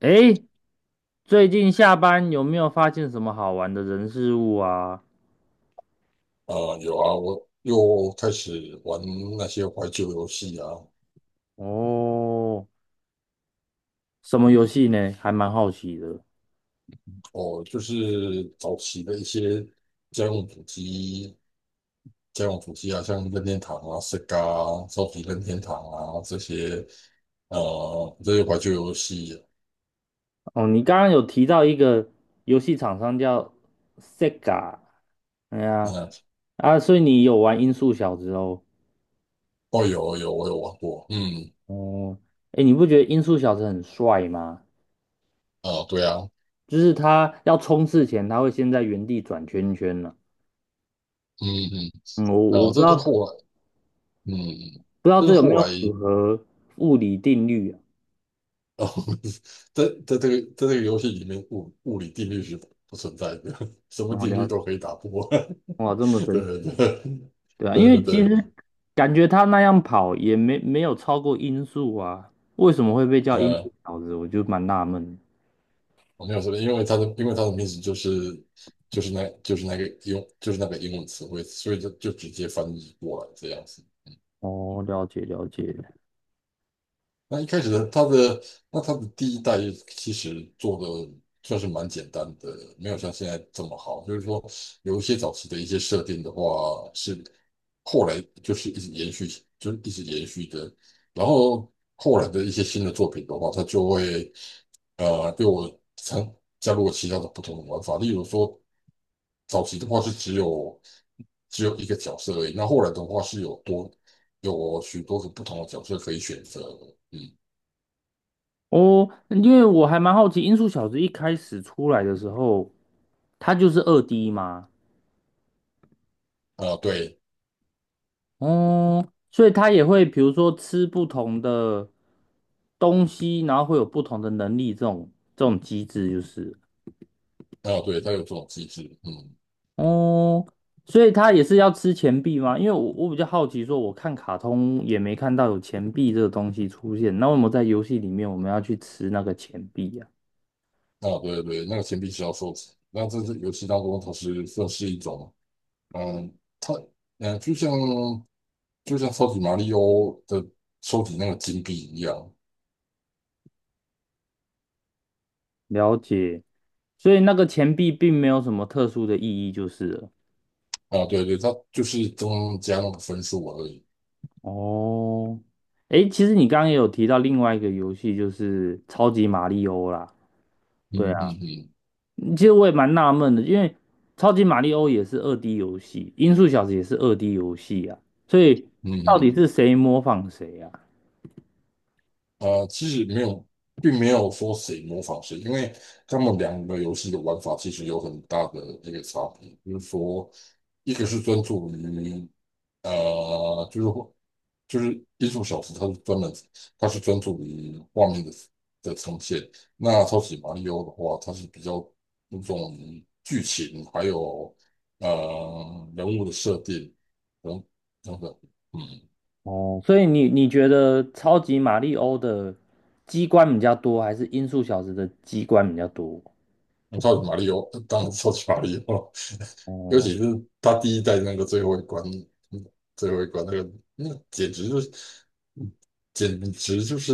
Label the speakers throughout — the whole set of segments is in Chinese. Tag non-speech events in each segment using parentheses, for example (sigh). Speaker 1: 诶，最近下班有没有发现什么好玩的人事物啊？
Speaker 2: 啊、有啊，我又开始玩那些怀旧游戏啊。
Speaker 1: 哦，什么游戏呢？还蛮好奇的。
Speaker 2: 哦，就是早期的一些家用主机，家用主机啊，像任天堂啊、Sega 啊、超级任天堂啊这些，这些怀旧游戏。
Speaker 1: 哦，你刚刚有提到一个游戏厂商叫 Sega,哎呀，
Speaker 2: 嗯、
Speaker 1: 所以你有玩《音速小子》哦。
Speaker 2: 哦，有我有玩过，嗯。
Speaker 1: 哦，诶，你不觉得《音速小子》很帅吗？
Speaker 2: 啊、对啊。
Speaker 1: 就是他要冲刺前，他会先在原地转圈圈呢、
Speaker 2: 嗯
Speaker 1: 嗯，我
Speaker 2: 嗯。啊，
Speaker 1: 我不知
Speaker 2: 这
Speaker 1: 道
Speaker 2: 是后
Speaker 1: 不
Speaker 2: 来，嗯，
Speaker 1: 知道
Speaker 2: 这是
Speaker 1: 这有没
Speaker 2: 后
Speaker 1: 有
Speaker 2: 来
Speaker 1: 符合物理定律啊？
Speaker 2: 哦。(laughs) 在这个游戏里面，物理定律是不存在的，(laughs) 什么
Speaker 1: 我
Speaker 2: 定
Speaker 1: 了
Speaker 2: 律
Speaker 1: 解，
Speaker 2: 都可以打破。
Speaker 1: 哇，这么
Speaker 2: (laughs)
Speaker 1: 神奇。
Speaker 2: 对
Speaker 1: 对啊，
Speaker 2: 对
Speaker 1: 因为
Speaker 2: 对
Speaker 1: 其
Speaker 2: 对。
Speaker 1: 实感觉他那样跑也没有超过音速啊，为什么会被叫音
Speaker 2: 呃，
Speaker 1: 速小子？我就蛮纳闷。
Speaker 2: 我没有说的，因为它的名字就是就是那就是那个用就是那个英文词汇，所以就直接翻译过来这样子。
Speaker 1: 哦，了解了解。
Speaker 2: 那一开始他的，那他的第一代其实做的算是蛮简单的，没有像现在这么好。就是说，有一些早期的一些设定的话，是后来就是一直延续，就是一直延续的。然后后来的一些新的作品的话，它就会呃对我参加入了其他的不同的玩法。例如说，早期的话是只有一个角色而已，那后来的话是有许多种不同的角色可以选择。嗯。
Speaker 1: 哦，因为我还蛮好奇，音速小子一开始出来的时候，他就是二 D 吗？
Speaker 2: 啊、对。
Speaker 1: 哦，所以他也会比如说吃不同的东西，然后会有不同的能力，这种机制就是。
Speaker 2: 啊，对，它有这种机制，嗯。
Speaker 1: 哦，所以他也是要吃钱币吗？因为我比较好奇，说我看卡通也没看到有钱币这个东西出现，那为什么在游戏里面我们要去吃那个钱币呀？
Speaker 2: 啊，对对，那个钱币是要收集。那这是游戏当中，它是算是一种，嗯，它，嗯，就像超级马里奥的收集那个金币一样。
Speaker 1: 了解，所以那个钱币并没有什么特殊的意义，就是了。
Speaker 2: 啊，对对，它就是增加那个分数而已。
Speaker 1: 哦，诶，其实你刚刚也有提到另外一个游戏，就是超级马里欧啦。
Speaker 2: 嗯
Speaker 1: 对啊。
Speaker 2: 嗯嗯
Speaker 1: 其实我也蛮纳闷的，因为超级马里奥也是二 D 游戏，音速小子也是二 D 游戏啊，所以到
Speaker 2: 嗯
Speaker 1: 底是谁模仿谁啊？
Speaker 2: 嗯。啊，其实没有，并没有说谁模仿谁，因为他们两个游戏的玩法其实有很大的一个差别。就是说，一个是专注于，就是就是艺术小说，它是专门它是专注于画面的的呈现。那超级马里奥的话，它是比较注重于剧情，还有呃人物的设定等等等。嗯。
Speaker 1: 哦，所以你觉得超级马里奥的机关比较多，还是音速小子的机关比较多？
Speaker 2: 那超级马里奥当然是超级马里奥了。(laughs) 尤
Speaker 1: 哦，
Speaker 2: 其是他第一代那个最后一关，嗯最后一关那个，那简直就是简直就是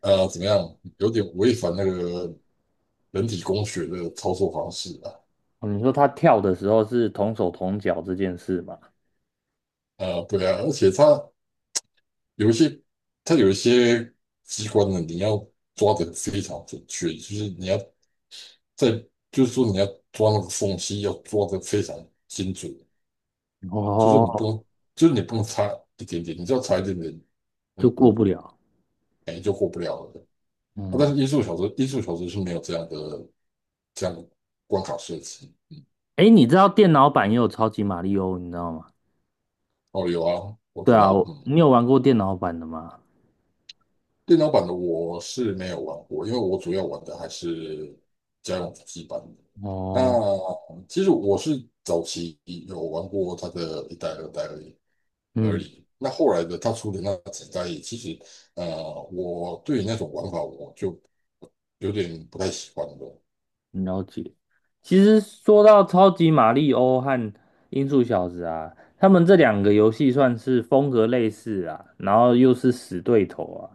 Speaker 2: 怎么样，有点违反那个人体工学的操作方式啊。
Speaker 1: 你说他跳的时候是同手同脚这件事嘛？
Speaker 2: 啊，对啊，而且它有一些，它有一些机关呢，你要抓得非常准确，就是你要在，就是说你要抓那个缝隙，要抓得非常精准。就是你不
Speaker 1: 哦，
Speaker 2: 能，就是你不能差一点点，你只要差一点点，那
Speaker 1: 就过
Speaker 2: 你，
Speaker 1: 不了。
Speaker 2: 哎，就过不了了。啊，但是
Speaker 1: 嗯，
Speaker 2: 音速小子，音速小子是没有这样的关卡设计。
Speaker 1: 哎，你知道电脑版也有超级马里奥，你知道吗？
Speaker 2: 哦，有啊，我
Speaker 1: 对
Speaker 2: 知
Speaker 1: 啊，
Speaker 2: 道，嗯。
Speaker 1: 你有玩过电脑版的吗？
Speaker 2: 电脑版的我是没有玩过，因为我主要玩的还是家用主机版的。那
Speaker 1: 哦，
Speaker 2: 其实我是早期有玩过它的一代、二代而已。
Speaker 1: 嗯。
Speaker 2: 那后来的它出的那几代，其实我对于那种玩法我就有点不太喜欢了。
Speaker 1: 了解。其实说到超级马里欧和音速小子啊，他们这两个游戏算是风格类似啊，然后又是死对头啊，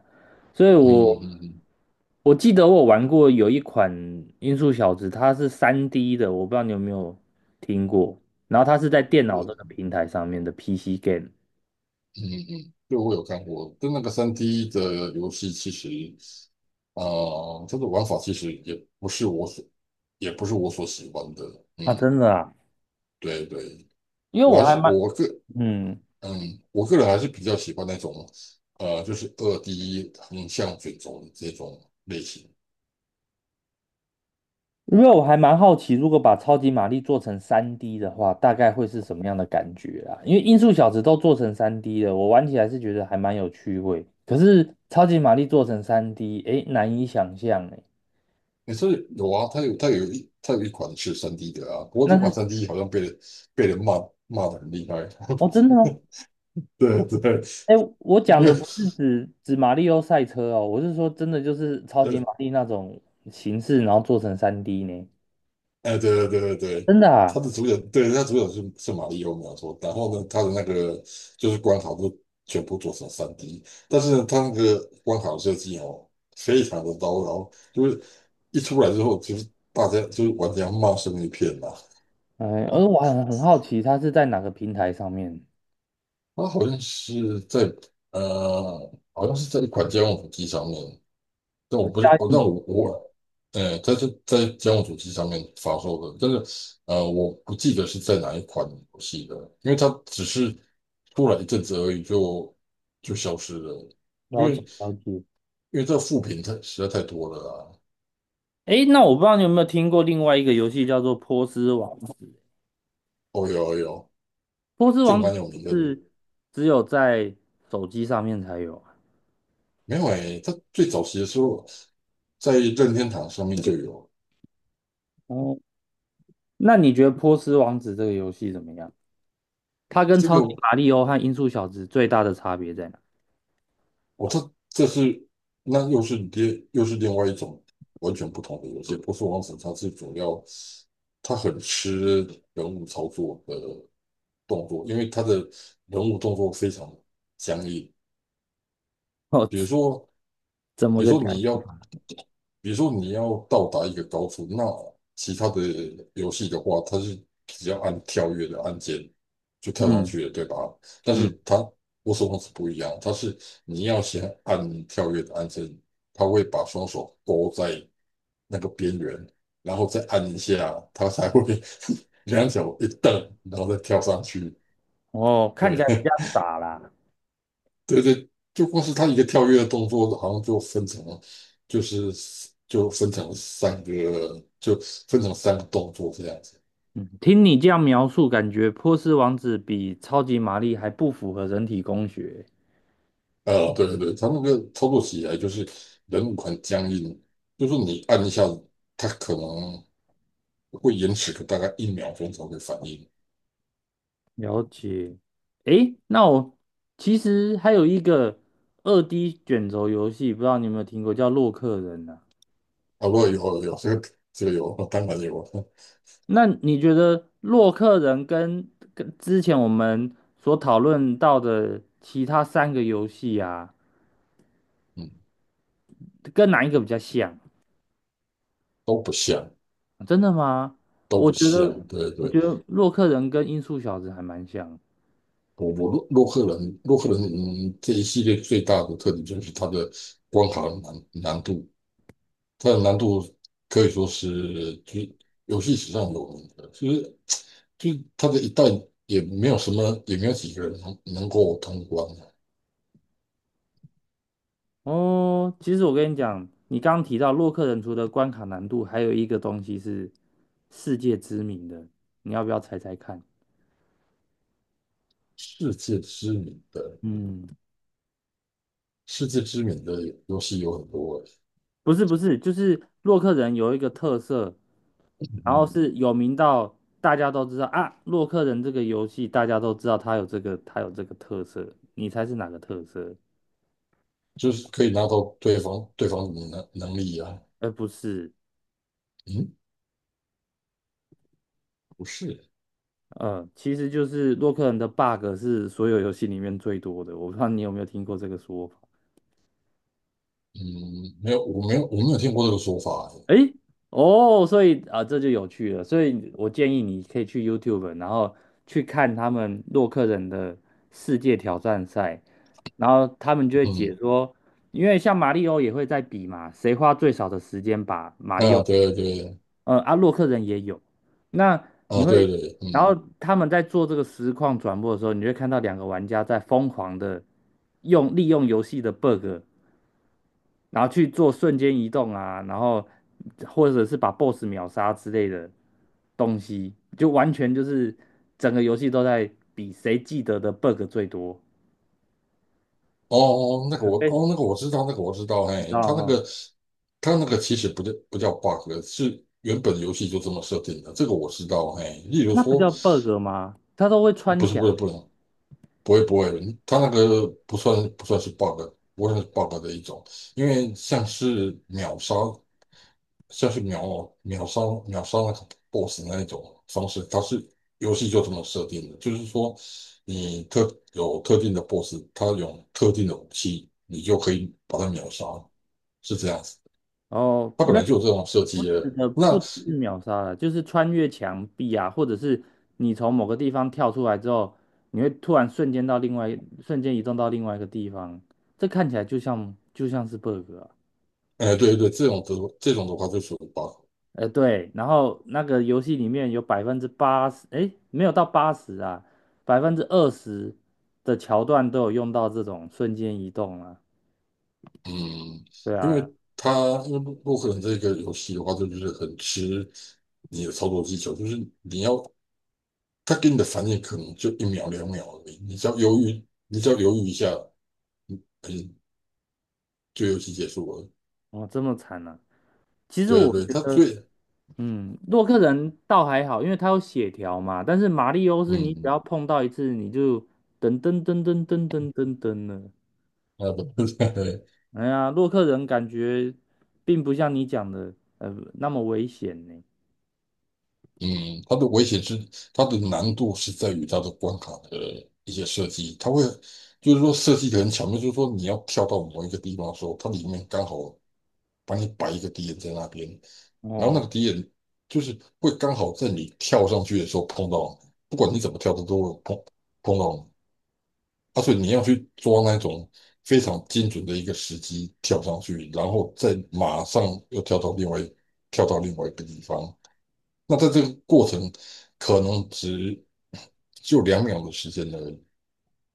Speaker 1: 所以
Speaker 2: 嗯
Speaker 1: 我
Speaker 2: 嗯嗯。
Speaker 1: 我记得我玩过有一款音速小子，它是三 d 的，我不知道你有没有听过。然后它是在电脑这个
Speaker 2: 是
Speaker 1: 平台上面的 PC game,
Speaker 2: 嗯嗯，对我有看过，但那个三 d 的游戏其实，它的玩法其实也不是我所喜欢的。嗯，
Speaker 1: 啊，真的啊，
Speaker 2: 对对。
Speaker 1: 因为
Speaker 2: 我
Speaker 1: 我
Speaker 2: 还
Speaker 1: 还
Speaker 2: 是
Speaker 1: 蛮
Speaker 2: 我个
Speaker 1: 嗯，
Speaker 2: 嗯，我个人还是比较喜欢那种，就是二 D 横向卷轴的这种类型。
Speaker 1: 因为我还蛮好奇，如果把超级玛丽做成三 d 的话，大概会是什么样的感觉啊？因为音速小子都做成三 d 了，我玩起来是觉得还蛮有趣味。可是超级玛丽做成三 d 诶，难以想象诶。
Speaker 2: 也是有啊，它有一款是三 d 的啊，不过
Speaker 1: 那
Speaker 2: 这款
Speaker 1: 是，
Speaker 2: 三 d 好像被人骂，骂的很厉害。
Speaker 1: 哦，真的吗？
Speaker 2: (laughs) 对对。
Speaker 1: 诶，我讲
Speaker 2: 因为
Speaker 1: 的不是指马里奥赛车哦，我是说真的就是超级玛
Speaker 2: 呃
Speaker 1: 丽那种形式，然后做成三 d 呢？
Speaker 2: 哎，对对对对对，
Speaker 1: 真的
Speaker 2: 他
Speaker 1: 啊？
Speaker 2: 的主角，对，他主角是玛丽奥，没有错。然后呢，他的那个就是关卡都全部做成三 d。 但是呢，他那个关卡设计哦，非常的刀，然后就是一出来之后，就是大家就是玩家骂声一片呐、
Speaker 1: 哎，而我很好奇，它是在哪个平台上面
Speaker 2: 他好像是在，呃，好像是在一款家用主机上面。这我
Speaker 1: 啊？
Speaker 2: 不
Speaker 1: 家
Speaker 2: 是我，
Speaker 1: 用
Speaker 2: 但
Speaker 1: 主
Speaker 2: 我
Speaker 1: 机哦，
Speaker 2: 我，呃，它是在家用主机上面发售的，但是我不记得是在哪一款游戏的，因为它只是出来一阵子而已就消失了，因
Speaker 1: 了解
Speaker 2: 为
Speaker 1: 了解。
Speaker 2: 因为这个副品太实在太多了啊。
Speaker 1: 诶，那我不知道你有没有听过另外一个游戏叫做《波斯王子》，
Speaker 2: 哦，有哦有，
Speaker 1: 《波斯
Speaker 2: 这个
Speaker 1: 王子》
Speaker 2: 蛮有名的。
Speaker 1: 是只有在手机上面才有啊。
Speaker 2: 没有诶，它最早期的时候在任天堂上面就有。
Speaker 1: 哦，那你觉得《波斯王子》这个游戏怎么样？它跟
Speaker 2: 这
Speaker 1: 《超
Speaker 2: 个，
Speaker 1: 级马里奥》和《音速小子》最大的差别在哪？
Speaker 2: 我这这是那又是又是另外一种完全不同的游戏。不是王子，它是主要他很吃人物操作的动作，因为他的人物动作非常僵硬。
Speaker 1: (laughs) 哦，
Speaker 2: 比如说，
Speaker 1: 怎
Speaker 2: 比
Speaker 1: 么
Speaker 2: 如
Speaker 1: 个
Speaker 2: 说
Speaker 1: 讲？
Speaker 2: 你要比如说你要到达一个高处，那其他的游戏的话，它是只要按跳跃的按键就跳上
Speaker 1: 嗯
Speaker 2: 去了，对吧？但是
Speaker 1: 嗯，
Speaker 2: 它，我手王是不一样，它是你要先按跳跃的按键，它会把双手勾在那个边缘，然后再按一下，它才会 (laughs) 两脚一蹬，然后再跳上去。
Speaker 1: 哦，看起来比
Speaker 2: 对，(laughs)
Speaker 1: 较傻啦。
Speaker 2: 对对，就光是他一个跳跃的动作，好像就分成了，就是就分成三个，就分成三个动作这样子。
Speaker 1: 嗯，听你这样描述，感觉《波斯王子》比《超级玛丽》还不符合人体工学。
Speaker 2: 对对对，他那个操作起来就是人物很僵硬，就是你按一下，他可能会延迟个大概一秒钟才会反应。
Speaker 1: 了解。诶，那我其实还有一个二 D 卷轴游戏，不知道你有没有听过，叫《洛克人》呢、
Speaker 2: 啊，不过有这个有，当然有，(laughs)
Speaker 1: 那你觉得《洛克人》跟之前我们所讨论到的其他三个游戏啊，
Speaker 2: 嗯，
Speaker 1: 跟哪一个比较像？
Speaker 2: 都不像，
Speaker 1: 真的吗？
Speaker 2: 都
Speaker 1: 我
Speaker 2: 不
Speaker 1: 觉得，
Speaker 2: 像，对
Speaker 1: 我
Speaker 2: 对。
Speaker 1: 觉得《洛克人》跟《音速小子》还蛮像。
Speaker 2: 我我洛洛克人洛克人嗯这一系列最大的特点就是它的关卡难度，它的难度可以说是就游戏史上有名的，就是它的一代也没有几个人能够通关的。
Speaker 1: 哦，其实我跟你讲，你刚刚提到洛克人除了关卡难度，还有一个东西是世界知名的，你要不要猜猜看？
Speaker 2: 世界知名的，
Speaker 1: 嗯，
Speaker 2: 世界知名的游戏有很多欸。
Speaker 1: 不是不是，就是洛克人有一个特色，然后
Speaker 2: 嗯，
Speaker 1: 是有名到大家都知道啊，洛克人这个游戏大家都知道它有这个特色，你猜是哪个特色？
Speaker 2: 就是可以拿到对方的能力啊。
Speaker 1: 而不是，
Speaker 2: 嗯，不是。
Speaker 1: 其实就是洛克人的 bug 是所有游戏里面最多的，我不知道你有没有听过这个说法。
Speaker 2: 嗯，没有我没有我没有听过这个说法欸。
Speaker 1: 诶，哦，所以啊，这就有趣了。所以我建议你可以去 YouTube,然后去看他们洛克人的世界挑战赛，然后他们就会解
Speaker 2: 嗯。
Speaker 1: 说，因为像马里奥也会在比嘛，谁花最少的时间把马里奥，
Speaker 2: 啊，对对对。
Speaker 1: 洛克人也有。那你
Speaker 2: 啊，
Speaker 1: 会，
Speaker 2: 对对，
Speaker 1: 然
Speaker 2: 嗯。
Speaker 1: 后他们在做这个实况转播的时候，你会看到两个玩家在疯狂的利用游戏的 bug 然后去做瞬间移动啊，然后或者是把 BOSS 秒杀之类的东西，就完全就是整个游戏都在比谁记得的 bug 最多。
Speaker 2: 哦哦，那个我，
Speaker 1: 哎，
Speaker 2: 哦，那个我知道，那个我知道，
Speaker 1: 知道
Speaker 2: 嘿，他那
Speaker 1: 哦，
Speaker 2: 个，他那个其实不叫 bug,是原本游戏就这么设定的，这个我知道，嘿，例如
Speaker 1: 那不
Speaker 2: 说，
Speaker 1: 叫 bug 吗？它都会穿墙
Speaker 2: 不
Speaker 1: 欸，
Speaker 2: 是，不会，他那个不算是 bug,不算是 bug 的一种。因为像是秒秒杀秒杀那个 BOSS 那一种方式，它是游戏就这么设定的，就是说你特有特定的 BOSS,它有特定的武器，你就可以把它秒杀，是这样子。
Speaker 1: 哦，
Speaker 2: 它本
Speaker 1: 没有，
Speaker 2: 来就有这种设
Speaker 1: 我
Speaker 2: 计
Speaker 1: 指
Speaker 2: 的。
Speaker 1: 的
Speaker 2: 那，
Speaker 1: 不只是秒杀了，就是穿越墙壁啊，或者是你从某个地方跳出来之后，你会突然瞬间到另外，瞬间移动到另外一个地方，这看起来就像是 bug 啊。
Speaker 2: 哎、对对对，这种的话就属于 bug。
Speaker 1: 对，然后那个游戏里面有80%，诶，没有到八十啊，20%的桥段都有用到这种瞬间移动啊。
Speaker 2: 嗯，
Speaker 1: 对
Speaker 2: 因为
Speaker 1: 啊，
Speaker 2: 因为洛克人这个游戏的话，就是很吃你的操作技巧，就是你要，他给你的反应可能就一秒两秒而已，你只要犹豫一下，嗯，就游戏结束了。
Speaker 1: 哦，这么惨啊。其实
Speaker 2: 对
Speaker 1: 我
Speaker 2: 对对，
Speaker 1: 觉
Speaker 2: 他
Speaker 1: 得，
Speaker 2: 最，
Speaker 1: 嗯，洛克人倒还好，因为它有血条嘛。但是马里欧是你只
Speaker 2: 嗯，
Speaker 1: 要碰到一次，你就噔噔噔噔噔噔噔噔了。
Speaker 2: 啊不，(laughs)
Speaker 1: 哎呀，洛克人感觉并不像你讲的，那么危险呢。
Speaker 2: 嗯，他的危险是，它的难度是在于它的关卡的一些设计，它会，就是说设计的很巧妙，就是说你要跳到某一个地方的时候，它里面刚好把你摆一个敌人在那边，然后那
Speaker 1: 哦。
Speaker 2: 个敌人就是会刚好在你跳上去的时候碰到你，不管你怎么跳，它都会碰到你。啊，所以你要去抓那种非常精准的一个时机跳上去，然后再马上又跳到另外跳到另外一个地方。那在这个过程，可能只就两秒的时间而已。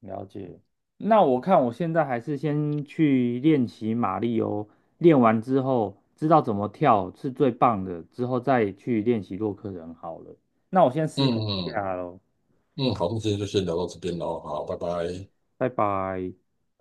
Speaker 1: 了解。那我看我现在还是先去练习马力欧，练完之后知道怎么跳是最棒的，之后再去练习洛克人好了。那我先失
Speaker 2: 嗯
Speaker 1: 陪一
Speaker 2: 嗯。
Speaker 1: 下喽，
Speaker 2: 嗯，好，那今天就先聊到这边喽，好，拜拜。
Speaker 1: 拜拜。